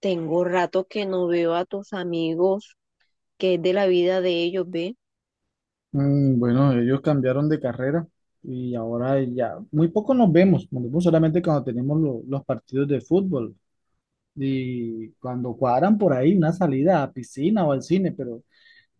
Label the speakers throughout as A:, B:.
A: Tengo rato que no veo a tus amigos, que es de la vida de ellos, ve.
B: Mm, bueno, ellos cambiaron de carrera y ahora ya muy poco nos vemos solamente cuando tenemos los partidos de fútbol y cuando cuadran por ahí una salida a piscina o al cine, pero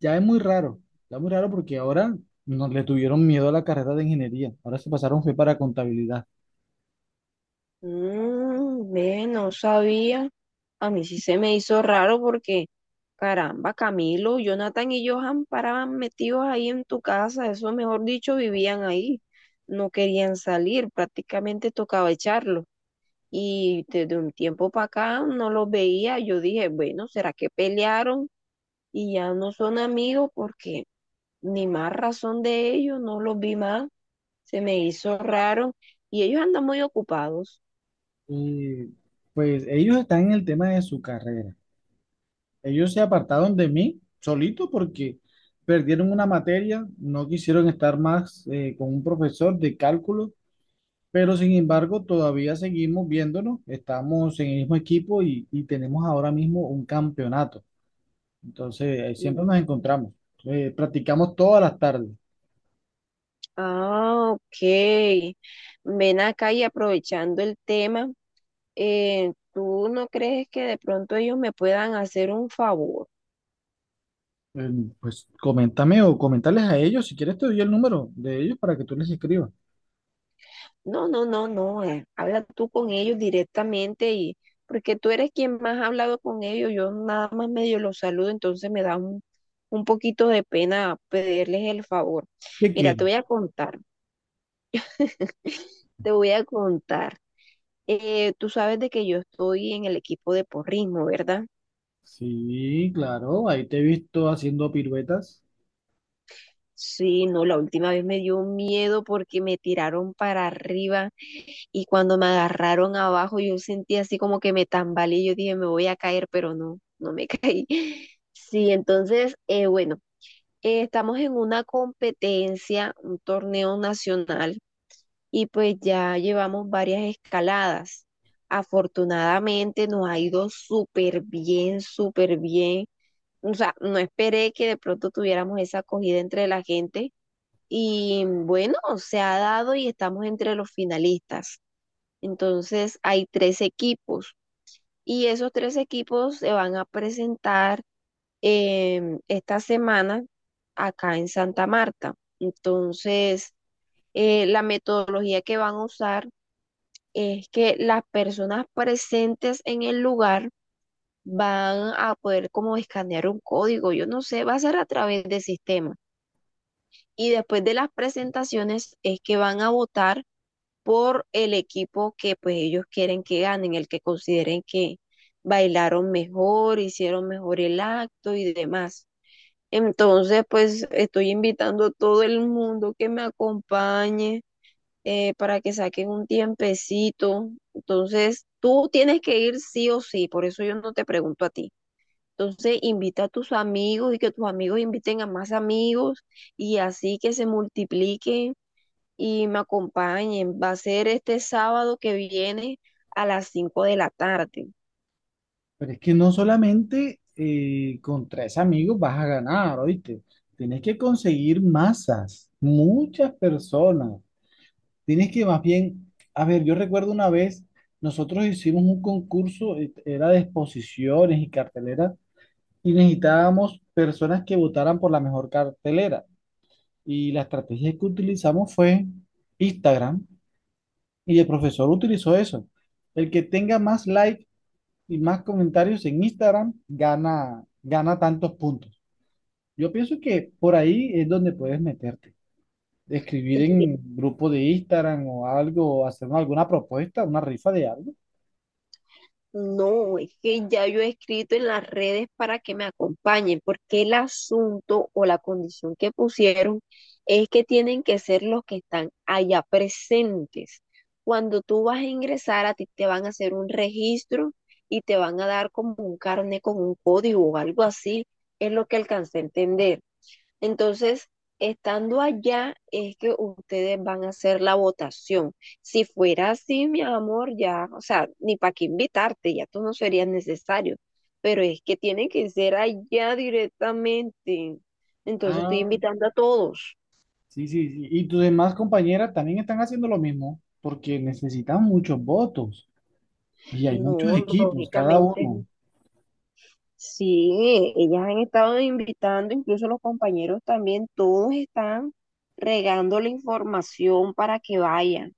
B: ya es muy raro, ya es muy raro porque ahora nos le tuvieron miedo a la carrera de ingeniería, ahora se pasaron fue para contabilidad.
A: Ve, no sabía. A mí sí se me hizo raro porque, caramba, Camilo, Jonathan y Johan paraban metidos ahí en tu casa, eso mejor dicho, vivían ahí. No querían salir, prácticamente tocaba echarlos. Y desde un tiempo para acá no los veía. Yo dije, bueno, ¿será que pelearon y ya no son amigos? Porque ni más razón de ellos, no los vi más. Se me hizo raro y ellos andan muy ocupados.
B: Y pues ellos están en el tema de su carrera, ellos se apartaron de mí solito porque perdieron una materia, no quisieron estar más con un profesor de cálculo. Pero sin embargo, todavía seguimos viéndonos, estamos en el mismo equipo y tenemos ahora mismo un campeonato. Entonces, siempre nos
A: Mm.
B: encontramos. Practicamos todas las tardes.
A: Ah, ok. Ven acá y aprovechando el tema, ¿tú no crees que de pronto ellos me puedan hacer un favor?
B: Eh, pues coméntame o comentarles a ellos, si quieres te doy el número de ellos para que tú les escribas.
A: No, no, no, no. Habla tú con ellos directamente y porque tú eres quien más ha hablado con ellos, yo nada más medio los saludo, entonces me da un poquito de pena pedirles el favor.
B: ¿Qué
A: Mira, te
B: quieres?
A: voy a contar, te voy a contar. Tú sabes de que yo estoy en el equipo de porrismo, ¿verdad?
B: Sí, claro, ahí te he visto haciendo piruetas,
A: Sí, no, la última vez me dio miedo porque me tiraron para arriba y cuando me agarraron abajo yo sentí así como que me tambaleé, yo dije me voy a caer, pero no, no me caí. Sí, entonces, bueno, estamos en una competencia, un torneo nacional y pues ya llevamos varias escaladas. Afortunadamente nos ha ido súper bien, súper bien. O sea, no esperé que de pronto tuviéramos esa acogida entre la gente y bueno, se ha dado y estamos entre los finalistas. Entonces hay tres equipos y esos tres equipos se van a presentar esta semana acá en Santa Marta. Entonces, la metodología que van a usar es que las personas presentes en el lugar van a poder como escanear un código, yo no sé, va a ser a través de sistema. Y después de las presentaciones es que van a votar por el equipo que pues ellos quieren que ganen, el que consideren que bailaron mejor, hicieron mejor el acto y demás. Entonces pues estoy invitando a todo el mundo que me acompañe, para que saquen un tiempecito. Entonces tú tienes que ir sí o sí, por eso yo no te pregunto a ti. Entonces invita a tus amigos y que tus amigos inviten a más amigos y así que se multiplique y me acompañen. Va a ser este sábado que viene a las 5:00 de la tarde.
B: pero es que no solamente con tres amigos vas a ganar, ¿oíste? Tienes que conseguir masas, muchas personas. Tienes que más bien, a ver, yo recuerdo una vez, nosotros hicimos un concurso, era de exposiciones y cartelera, y necesitábamos personas que votaran por la mejor cartelera. Y la estrategia que utilizamos fue Instagram, y el profesor utilizó eso. El que tenga más likes y más comentarios en Instagram gana, gana tantos puntos. Yo pienso que por ahí es donde puedes meterte. Escribir
A: Es que
B: en grupo de Instagram o algo, o hacernos alguna propuesta, una rifa de algo.
A: no, es que ya yo he escrito en las redes para que me acompañen, porque el asunto o la condición que pusieron es que tienen que ser los que están allá presentes. Cuando tú vas a ingresar, a ti te van a hacer un registro y te van a dar como un carnet con un código o algo así, es lo que alcancé a entender. Entonces, estando allá es que ustedes van a hacer la votación. Si fuera así, mi amor, ya, o sea, ni para qué invitarte, ya tú no serías necesario. Pero es que tiene que ser allá directamente. Entonces estoy
B: Ah,
A: invitando a todos.
B: sí, sí, sí. Y tus demás compañeras también están haciendo lo mismo, porque necesitan muchos votos y hay muchos
A: No,
B: equipos, cada
A: lógicamente.
B: uno.
A: Sí, ellas han estado invitando, incluso los compañeros también, todos están regando la información para que vayan.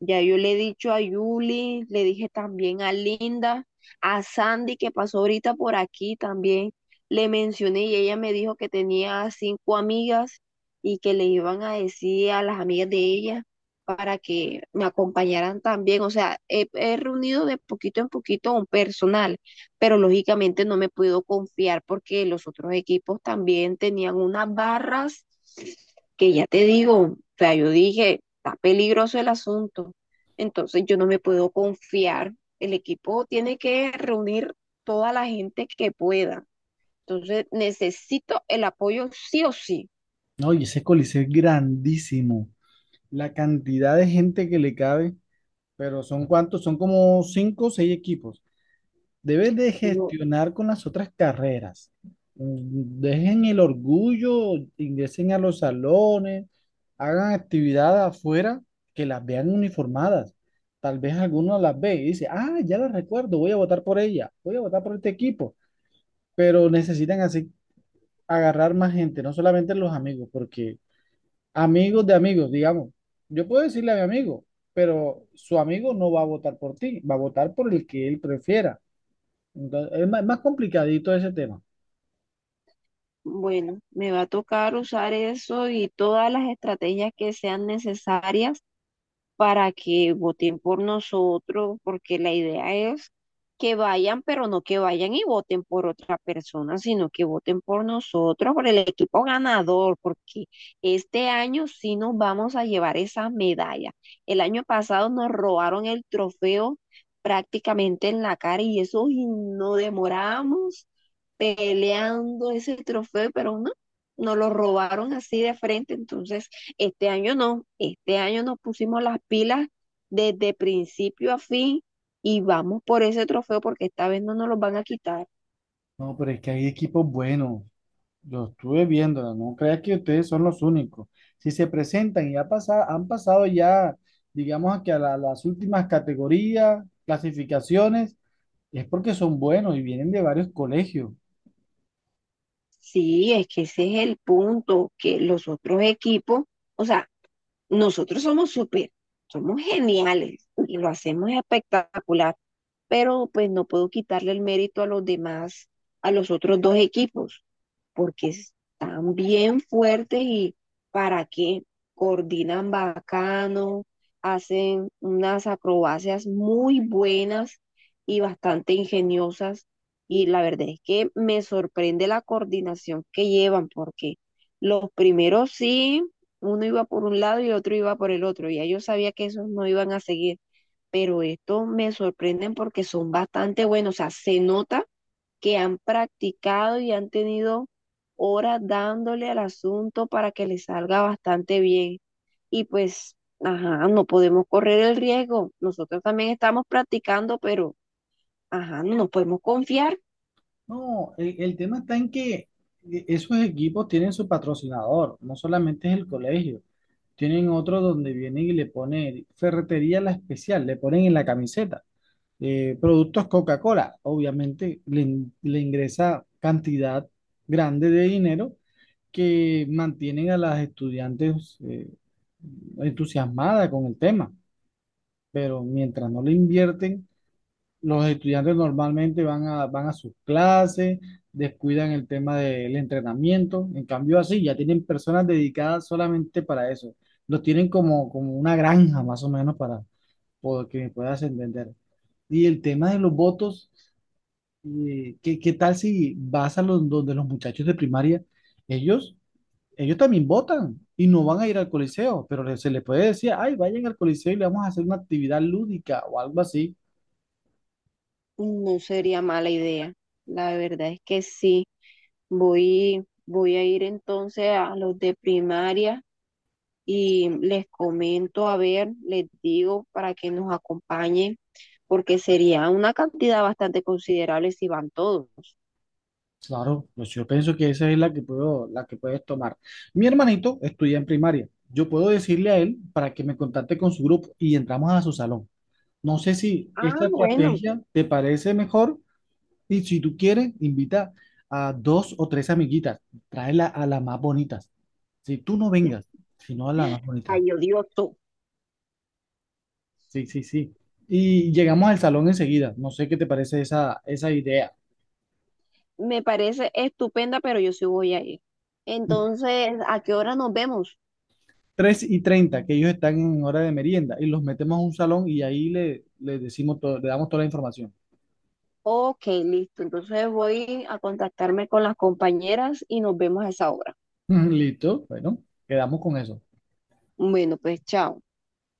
A: Ya yo le he dicho a Yuli, le dije también a Linda, a Sandy que pasó ahorita por aquí también, le mencioné y ella me dijo que tenía 5 amigas y que le iban a decir a las amigas de ella para que me acompañaran también. O sea, he reunido de poquito en poquito un personal, pero lógicamente no me puedo confiar porque los otros equipos también tenían unas barras que ya te digo, o sea, yo dije, está peligroso el asunto. Entonces yo no me puedo confiar. El equipo tiene que reunir toda la gente que pueda. Entonces necesito el apoyo sí o sí.
B: No, y ese coliseo es grandísimo. La cantidad de gente que le cabe, pero ¿son cuántos? Son como cinco o seis equipos. Debes de
A: No,
B: gestionar con las otras carreras. Mm, dejen el orgullo, ingresen a los salones, hagan actividad afuera, que las vean uniformadas. Tal vez alguno las ve y dice, ah, ya la recuerdo, voy a votar por ella, voy a votar por este equipo. Pero necesitan así agarrar más gente, no solamente los amigos, porque amigos de amigos, digamos, yo puedo decirle a mi amigo, pero su amigo no va a votar por ti, va a votar por el que él prefiera. Entonces, es más, más complicadito ese tema.
A: bueno, me va a tocar usar eso y todas las estrategias que sean necesarias para que voten por nosotros, porque la idea es que vayan, pero no que vayan y voten por otra persona, sino que voten por nosotros, por el equipo ganador, porque este año sí nos vamos a llevar esa medalla. El año pasado nos robaron el trofeo prácticamente en la cara y eso y nos demoramos peleando ese trofeo, pero no, nos lo robaron así de frente, entonces este año no, este año nos pusimos las pilas desde principio a fin y vamos por ese trofeo porque esta vez no nos lo van a quitar.
B: No, pero es que hay equipos buenos. Yo estuve viéndola, no creas que ustedes son los únicos. Si se presentan y han pasado ya, digamos a que a las últimas categorías, clasificaciones, es porque son buenos y vienen de varios colegios.
A: Sí, es que ese es el punto, que los otros equipos, o sea, nosotros somos súper, somos geniales y lo hacemos espectacular, pero pues no puedo quitarle el mérito a los demás, a los otros dos equipos. Porque están bien fuertes y para qué, coordinan bacano, hacen unas acrobacias muy buenas y bastante ingeniosas. Y la verdad es que me sorprende la coordinación que llevan, porque los primeros sí, uno iba por un lado y el otro iba por el otro. Ya yo sabía que esos no iban a seguir, pero estos me sorprenden porque son bastante buenos. O sea, se nota que han practicado y han tenido horas dándole al asunto para que le salga bastante bien. Y pues, ajá, no podemos correr el riesgo. Nosotros también estamos practicando, pero, ajá, no nos podemos confiar.
B: No, el tema está en que esos equipos tienen su patrocinador, no solamente es el colegio. Tienen otro donde vienen y le ponen ferretería la especial, le ponen en la camiseta, productos Coca-Cola. Obviamente le ingresa cantidad grande de dinero que mantienen a las estudiantes entusiasmadas con el tema, pero mientras no le invierten, los estudiantes normalmente van a sus clases, descuidan el tema del entrenamiento, en cambio así, ya tienen personas dedicadas solamente para eso, los tienen como una granja más o menos para poder, que me puedas entender. Y el tema de los votos. Qué tal si vas a los, donde los muchachos de primaria? Ellos, ellos también votan y no van a ir al coliseo, pero se les puede decir, ay, vayan al coliseo y le vamos a hacer una actividad lúdica o algo así.
A: No sería mala idea. La verdad es que sí. Voy a ir entonces a los de primaria y les comento, a ver, les digo para que nos acompañen, porque sería una cantidad bastante considerable si van todos.
B: Claro, pues yo pienso que esa es la que puedo, la que puedes tomar. Mi hermanito estudia en primaria. Yo puedo decirle a él para que me contacte con su grupo y entramos a su salón. No sé si
A: Ah,
B: esta
A: bueno,
B: estrategia te parece mejor. Y si tú quieres, invita a dos o tres amiguitas, tráela a las más bonitas. Si tú no vengas, sino a las más bonitas.
A: ay, odioso.
B: Sí, sí, sí. Y llegamos al salón enseguida. No sé qué te parece esa idea.
A: Me parece estupenda, pero yo sí voy a ir. Entonces, ¿a qué hora nos vemos?
B: 3:30, que ellos están en hora de merienda, y los metemos a un salón y ahí le decimos todo, le damos toda la información.
A: Ok, listo. Entonces voy a contactarme con las compañeras y nos vemos a esa hora.
B: Listo, bueno, quedamos con eso.
A: Bueno, pues chao.